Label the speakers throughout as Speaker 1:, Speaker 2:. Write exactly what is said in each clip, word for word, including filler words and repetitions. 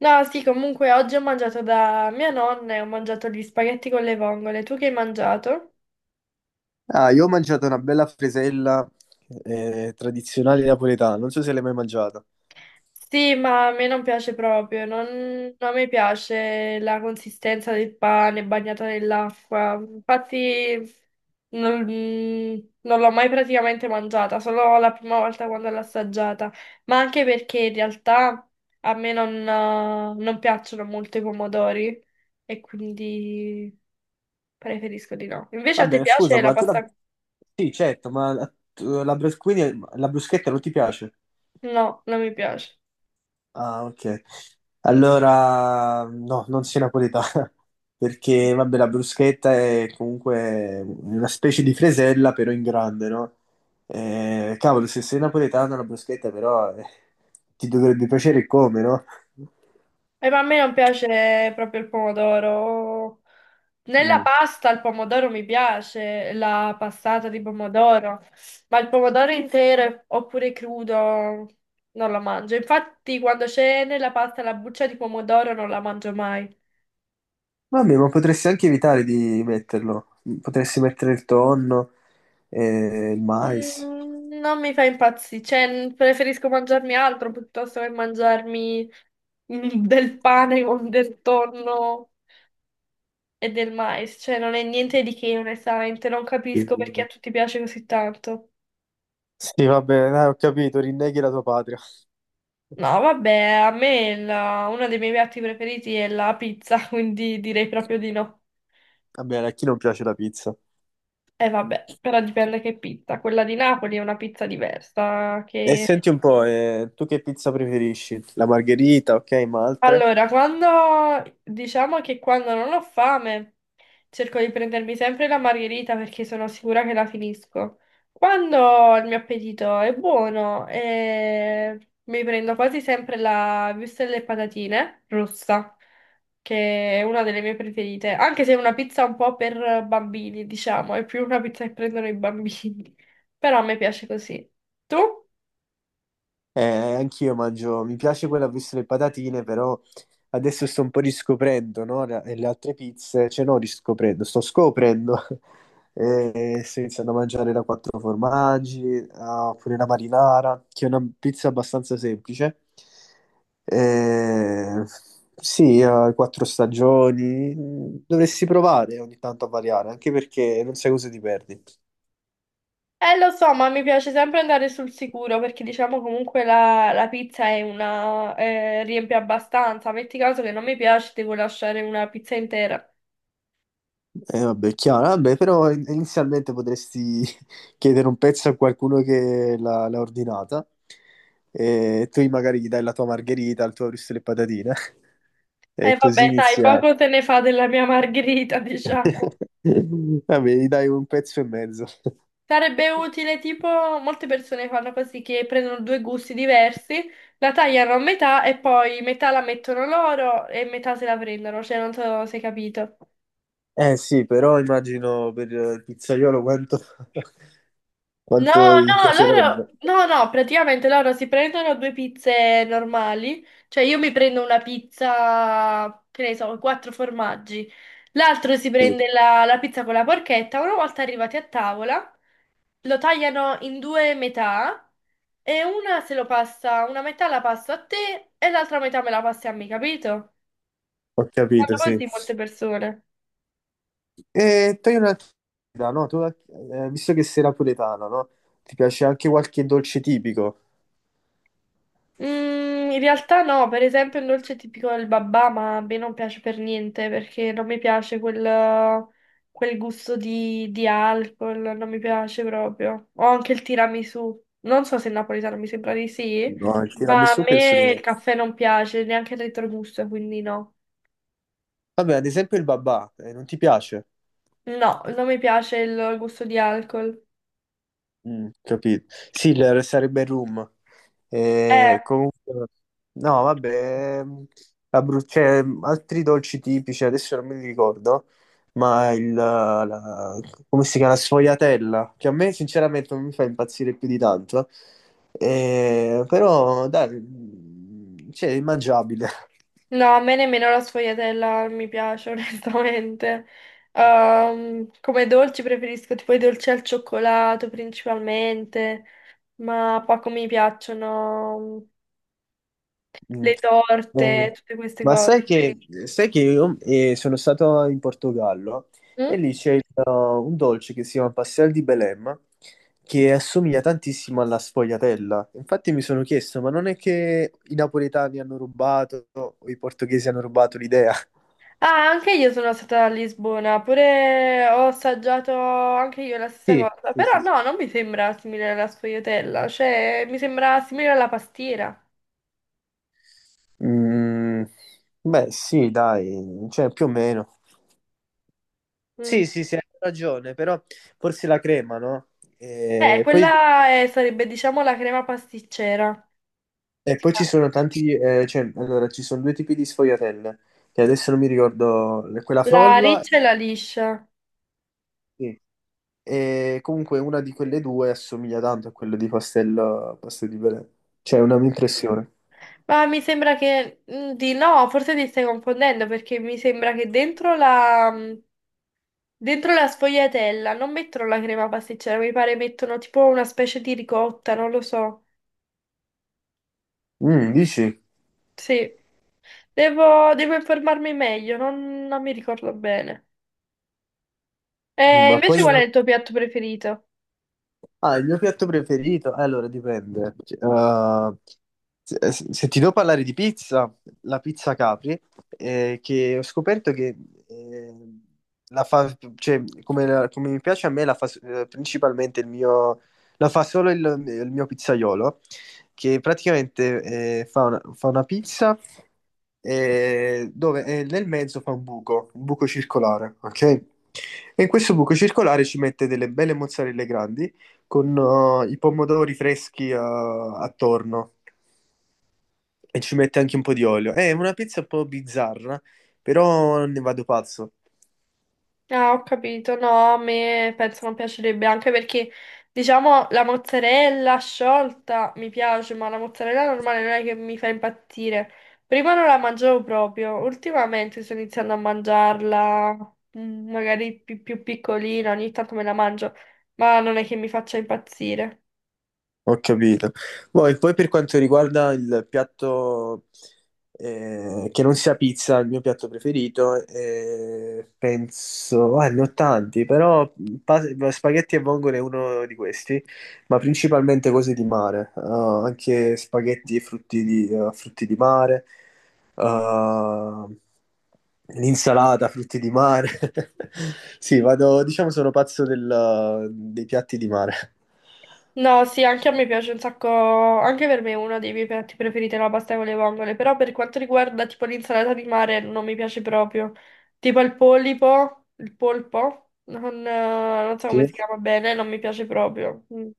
Speaker 1: No, sì, comunque oggi ho mangiato da mia nonna e ho mangiato gli spaghetti con le vongole. Tu che hai mangiato?
Speaker 2: Ah, io ho mangiato una bella fresella eh, tradizionale napoletana, non so se l'hai mai mangiata.
Speaker 1: Sì, ma a me non piace proprio, non, non mi piace la consistenza del pane bagnato nell'acqua. Infatti non, non l'ho mai praticamente mangiata, solo la prima volta quando l'ho assaggiata. Ma anche perché in realtà a me non, eh, non piacciono molto i pomodori e quindi preferisco di no. Invece a te
Speaker 2: Vabbè,
Speaker 1: piace
Speaker 2: scusa,
Speaker 1: la
Speaker 2: ma tu la...
Speaker 1: pasta?
Speaker 2: Sì, certo, ma la, tu- la brus- quindi la bruschetta non ti piace?
Speaker 1: No, non mi piace.
Speaker 2: Ah, ok. Allora, no, non sei napoletana, perché, vabbè, la bruschetta è comunque una specie di fresella, però in grande, no? Eh, cavolo, se sei napoletano la bruschetta, però, eh, ti dovrebbe piacere come, no?
Speaker 1: E ma a me non piace proprio il pomodoro. Nella
Speaker 2: Mm.
Speaker 1: pasta il pomodoro mi piace, la passata di pomodoro, ma il pomodoro intero oppure crudo non lo mangio. Infatti, quando c'è nella pasta la buccia di pomodoro non la mangio mai.
Speaker 2: Vabbè, ma potresti anche evitare di metterlo. Potresti mettere il tonno e il mais.
Speaker 1: Mm, non mi fa impazzire, cioè n- preferisco mangiarmi altro piuttosto che mangiarmi mm, del pane con del tonno e del mais, cioè non è niente di che, onestamente, non capisco perché a tutti piace così tanto.
Speaker 2: Sì, va bene, eh, ho capito, rinneghi la tua patria.
Speaker 1: No, vabbè, a me la- uno dei miei piatti preferiti è la pizza, quindi direi proprio di no.
Speaker 2: Vabbè, a chi non piace la pizza?
Speaker 1: E vabbè, però dipende che pizza. Quella di Napoli è una pizza diversa,
Speaker 2: E
Speaker 1: che
Speaker 2: senti un po', eh, tu che pizza preferisci? La margherita, ok, ma altre?
Speaker 1: Allora, quando diciamo che quando non ho fame, cerco di prendermi sempre la margherita perché sono sicura che la finisco. Quando il mio appetito è buono, eh, mi prendo quasi sempre la wurstel e patatine rossa, che è una delle mie preferite, anche se è una pizza un po' per bambini, diciamo, è più una pizza che prendono i bambini, però a me piace così. Tu?
Speaker 2: Eh, anch'io mangio, mi piace quella a vista le patatine, però adesso sto un po' riscoprendo, no? La- e Le altre pizze, cioè no, riscoprendo, sto scoprendo. E sto iniziando a mangiare la quattro formaggi, ah, oppure la marinara, che è una pizza abbastanza semplice. Eh, sì, eh, quattro stagioni, mm, dovresti provare ogni tanto a variare, anche perché non sai cosa ti perdi.
Speaker 1: Eh, lo so, ma mi piace sempre andare sul sicuro perché diciamo comunque la, la pizza è una, eh, riempie abbastanza. Metti caso che non mi piace, devo lasciare una pizza intera.
Speaker 2: Eh, vabbè, è chiaro, vabbè, però in- inizialmente potresti chiedere un pezzo a qualcuno che l'ha l'ha ordinata e tu magari gli dai la tua margherita, il tuo risto e le patatine
Speaker 1: E
Speaker 2: e
Speaker 1: vabbè,
Speaker 2: così
Speaker 1: dai,
Speaker 2: inizia...
Speaker 1: poco te ne fa della mia margherita, diciamo.
Speaker 2: Vabbè, gli dai un pezzo e mezzo.
Speaker 1: Sarebbe utile, tipo, molte persone fanno così che prendono due gusti diversi, la tagliano a metà e poi metà la mettono loro e metà se la prendono, cioè non so se hai capito.
Speaker 2: Eh sì, però immagino per il pizzaiolo quanto,
Speaker 1: No,
Speaker 2: quanto gli
Speaker 1: no, loro,
Speaker 2: piacerebbe.
Speaker 1: no, no, praticamente loro si prendono due pizze normali, cioè io mi prendo una pizza, che ne so, quattro formaggi, l'altro si
Speaker 2: Sì,
Speaker 1: prende la, la pizza con la porchetta, una volta arrivati a tavola lo tagliano in due metà e una se lo passa, una metà la passo a te e l'altra metà me la passi a me, capito?
Speaker 2: ho capito,
Speaker 1: Fanno
Speaker 2: sì.
Speaker 1: così molte persone.
Speaker 2: E togli una curiosità, no? Tu, eh, visto che sei napoletano, no? Ti piace anche qualche dolce tipico?
Speaker 1: Mm, in realtà no, per esempio il dolce tipico del babà, ma a me non piace per niente perché non mi piace quel, quel gusto di, di alcol, non mi piace proprio. O anche il tiramisù, non so se è napoletano, mi sembra di sì,
Speaker 2: No, il
Speaker 1: ma a
Speaker 2: tiramisù penso
Speaker 1: me
Speaker 2: di
Speaker 1: il
Speaker 2: no.
Speaker 1: caffè non piace, neanche il retrogusto, quindi no.
Speaker 2: Vabbè, ad esempio il babà, eh, non ti piace?
Speaker 1: No, non mi piace il gusto di alcol.
Speaker 2: Mm, capito. Sì, il- sarebbe Room.
Speaker 1: Eh.
Speaker 2: Eh, comunque, no, vabbè, ehm, la bru- cioè, altri dolci tipici, adesso non me li ricordo, ma il, la, la- come si chiama, la sfogliatella, che a me sinceramente non mi fa impazzire più di tanto. Eh, però dai, mm, cioè, è mangiabile.
Speaker 1: No, a me nemmeno la sfogliatella mi piace, onestamente. Ehm, come dolci preferisco tipo i dolci al cioccolato principalmente, ma poco mi piacciono mm,
Speaker 2: Mm.
Speaker 1: le torte,
Speaker 2: Eh,
Speaker 1: tutte queste
Speaker 2: ma
Speaker 1: cose.
Speaker 2: sai che, sai che io eh, sono stato in Portogallo e
Speaker 1: Mm?
Speaker 2: lì c'è il- un dolce che si chiama pastel di Belém che assomiglia tantissimo alla sfogliatella. Infatti mi sono chiesto, ma non è che i napoletani hanno rubato o i portoghesi hanno rubato l'idea?
Speaker 1: Ah, anche io sono stata a Lisbona, pure ho assaggiato anche io la stessa
Speaker 2: Sì,
Speaker 1: cosa,
Speaker 2: sì,
Speaker 1: però
Speaker 2: sì, sì.
Speaker 1: no, non mi sembra simile alla sfogliatella, cioè mi sembra simile alla pastiera.
Speaker 2: Mm, beh, sì, dai, cioè più o meno. Sì,
Speaker 1: Mm.
Speaker 2: sì, sì, hai ragione, però forse la crema, no?
Speaker 1: Eh,
Speaker 2: E poi
Speaker 1: quella è- sarebbe diciamo la crema pasticcera.
Speaker 2: e poi ci sono tanti, eh, cioè, allora, ci sono due tipi di sfogliatelle, che adesso non mi ricordo, quella
Speaker 1: La
Speaker 2: frolla,
Speaker 1: riccia e la liscia.
Speaker 2: sì. E comunque una di quelle due assomiglia tanto a quella di Pastello, Pastello di Belè. Cioè, è
Speaker 1: Mm.
Speaker 2: una mia impressione.
Speaker 1: Ma mi sembra che mm, di no, forse ti stai confondendo perché mi sembra che dentro la, mm, dentro la sfogliatella non mettono la crema pasticcera, mi pare mettono tipo una specie di ricotta, non lo so.
Speaker 2: Mm, dici?
Speaker 1: Sì, devo, devo informarmi meglio, non, non mi ricordo bene. E
Speaker 2: Ma
Speaker 1: invece
Speaker 2: poi...
Speaker 1: qual è il tuo piatto preferito?
Speaker 2: Ah, il mio piatto preferito? Eh, Allora, dipende. Uh, se, eh, se ti devo parlare di pizza, la pizza Capri, eh, che ho scoperto che eh, la fa, cioè, come, la- come mi piace a me, la fa eh, principalmente il mio, la fa solo il, il mio pizzaiolo, che praticamente eh, fa una, fa una pizza eh, dove eh, nel mezzo fa un buco, un buco circolare, ok? E in questo buco circolare ci mette delle belle mozzarelle grandi con eh, i pomodori freschi eh, attorno e ci mette anche un po' di olio. Eh, È una pizza un po' bizzarra, però ne vado pazzo.
Speaker 1: Ah, ho capito, no, a me penso non piacerebbe, anche perché, diciamo, la mozzarella sciolta mi piace, ma la mozzarella normale non è che mi fa impazzire. Prima non la mangiavo proprio, ultimamente sto iniziando a mangiarla, mm, magari pi- più, piccolina, ogni tanto me la mangio, ma non è che mi faccia impazzire.
Speaker 2: Ho capito. Poi, poi per quanto riguarda il piatto eh, che non sia pizza, il mio piatto preferito, eh, penso, ah, ne ho tanti, però pa- spaghetti e vongole è uno di questi, ma principalmente cose di mare, eh, anche spaghetti e frutti di, eh, frutti di mare, eh, l'insalata, frutti di mare. Sì, vado, diciamo sono pazzo del- dei piatti di mare.
Speaker 1: No, sì, anche a me piace un sacco, anche per me è uno dei miei piatti preferiti la pasta con le vongole, però per quanto riguarda tipo l'insalata di mare non mi piace proprio, tipo il polipo, il polpo, non, eh, non so come
Speaker 2: Sì?
Speaker 1: si chiama bene, non mi piace proprio. Mm.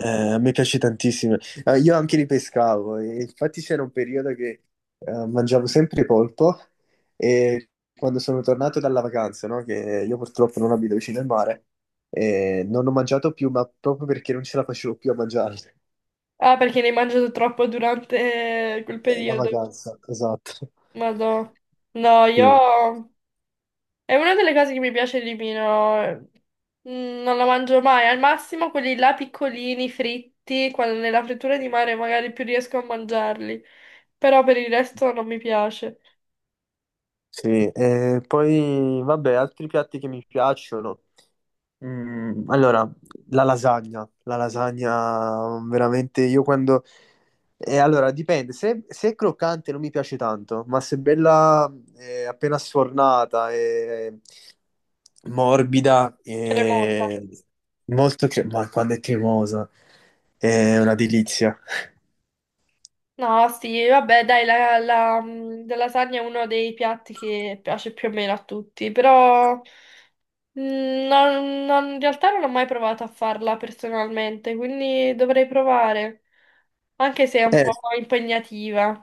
Speaker 2: Eh, a me piace tantissimo. Eh, io anche li pescavo, e infatti c'era un periodo che eh, mangiavo sempre polpo e quando sono tornato dalla vacanza, no, che io purtroppo non abito vicino al mare, eh, non ho mangiato più, ma proprio perché non ce la facevo più a mangiarli. Eh,
Speaker 1: Ah, perché ne hai mangiato troppo durante quel
Speaker 2: la
Speaker 1: periodo,
Speaker 2: vacanza, esatto.
Speaker 1: madò. No, io
Speaker 2: Sì,
Speaker 1: È una delle cose che mi piace di meno. Mm, Non la mangio mai. Al massimo quelli là piccolini, fritti, quando nella frittura di mare magari più riesco a mangiarli. Però per il resto non mi piace.
Speaker 2: sì. Eh, poi vabbè, altri piatti che mi piacciono. Mm, allora, la lasagna, la lasagna mm, veramente io quando... eh, allora, dipende, se, se è croccante non mi piace tanto, ma se è bella eh, appena sfornata e morbida
Speaker 1: Cremosa.
Speaker 2: e molto cre- ma quando è cremosa è una delizia.
Speaker 1: No, sì, vabbè, dai, la, la, mm, la lasagna è uno dei piatti che piace più o meno a tutti, però mm, non- non- in realtà non ho mai provato a farla personalmente, quindi dovrei provare, anche se è un
Speaker 2: Eh,
Speaker 1: po' impegnativa.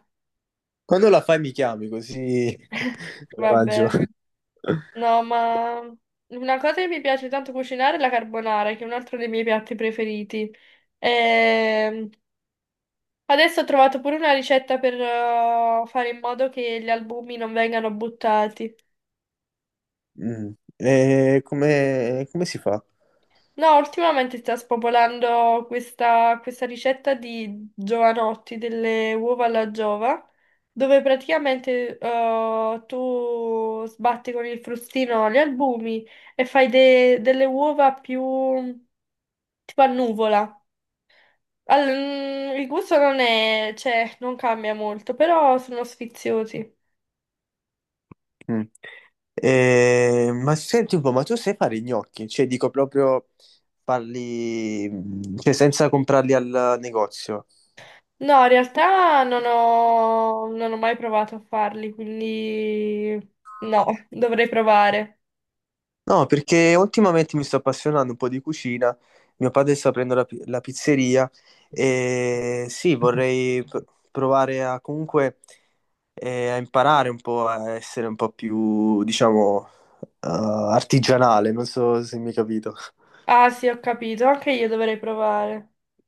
Speaker 2: quando la fai mi chiami così la mangio.
Speaker 1: Vabbè, no, ma una cosa che mi piace tanto cucinare è la carbonara, che è un altro dei miei piatti preferiti. Ehm, Adesso ho trovato pure una ricetta per eh, fare in modo che gli albumi non vengano buttati.
Speaker 2: Mm, eh, come, come si fa?
Speaker 1: No, ultimamente sta spopolando questa, questa, ricetta di giovanotti, delle uova alla giova, dove praticamente eh, tu sbatti con il frustino gli albumi e fai de- delle uova più tipo a nuvola. Al- mm, il gusto non è, cioè, non cambia molto, però sono sfiziosi.
Speaker 2: Mm. Eh, ma senti un po', ma tu sai fare i gnocchi? Cioè, dico proprio farli, mm, cioè, senza comprarli al negozio.
Speaker 1: No, in realtà non ho, non ho mai provato a farli, quindi no, dovrei provare.
Speaker 2: No, perché ultimamente mi sto appassionando un po' di cucina. Mio padre sta aprendo la, pi- la pizzeria e sì, vorrei pr- provare a comunque eh, a imparare un po' a essere un po' più, diciamo, eh, artigianale. Non so se mi hai capito.
Speaker 1: Ah sì, ho capito, anche io dovrei provare.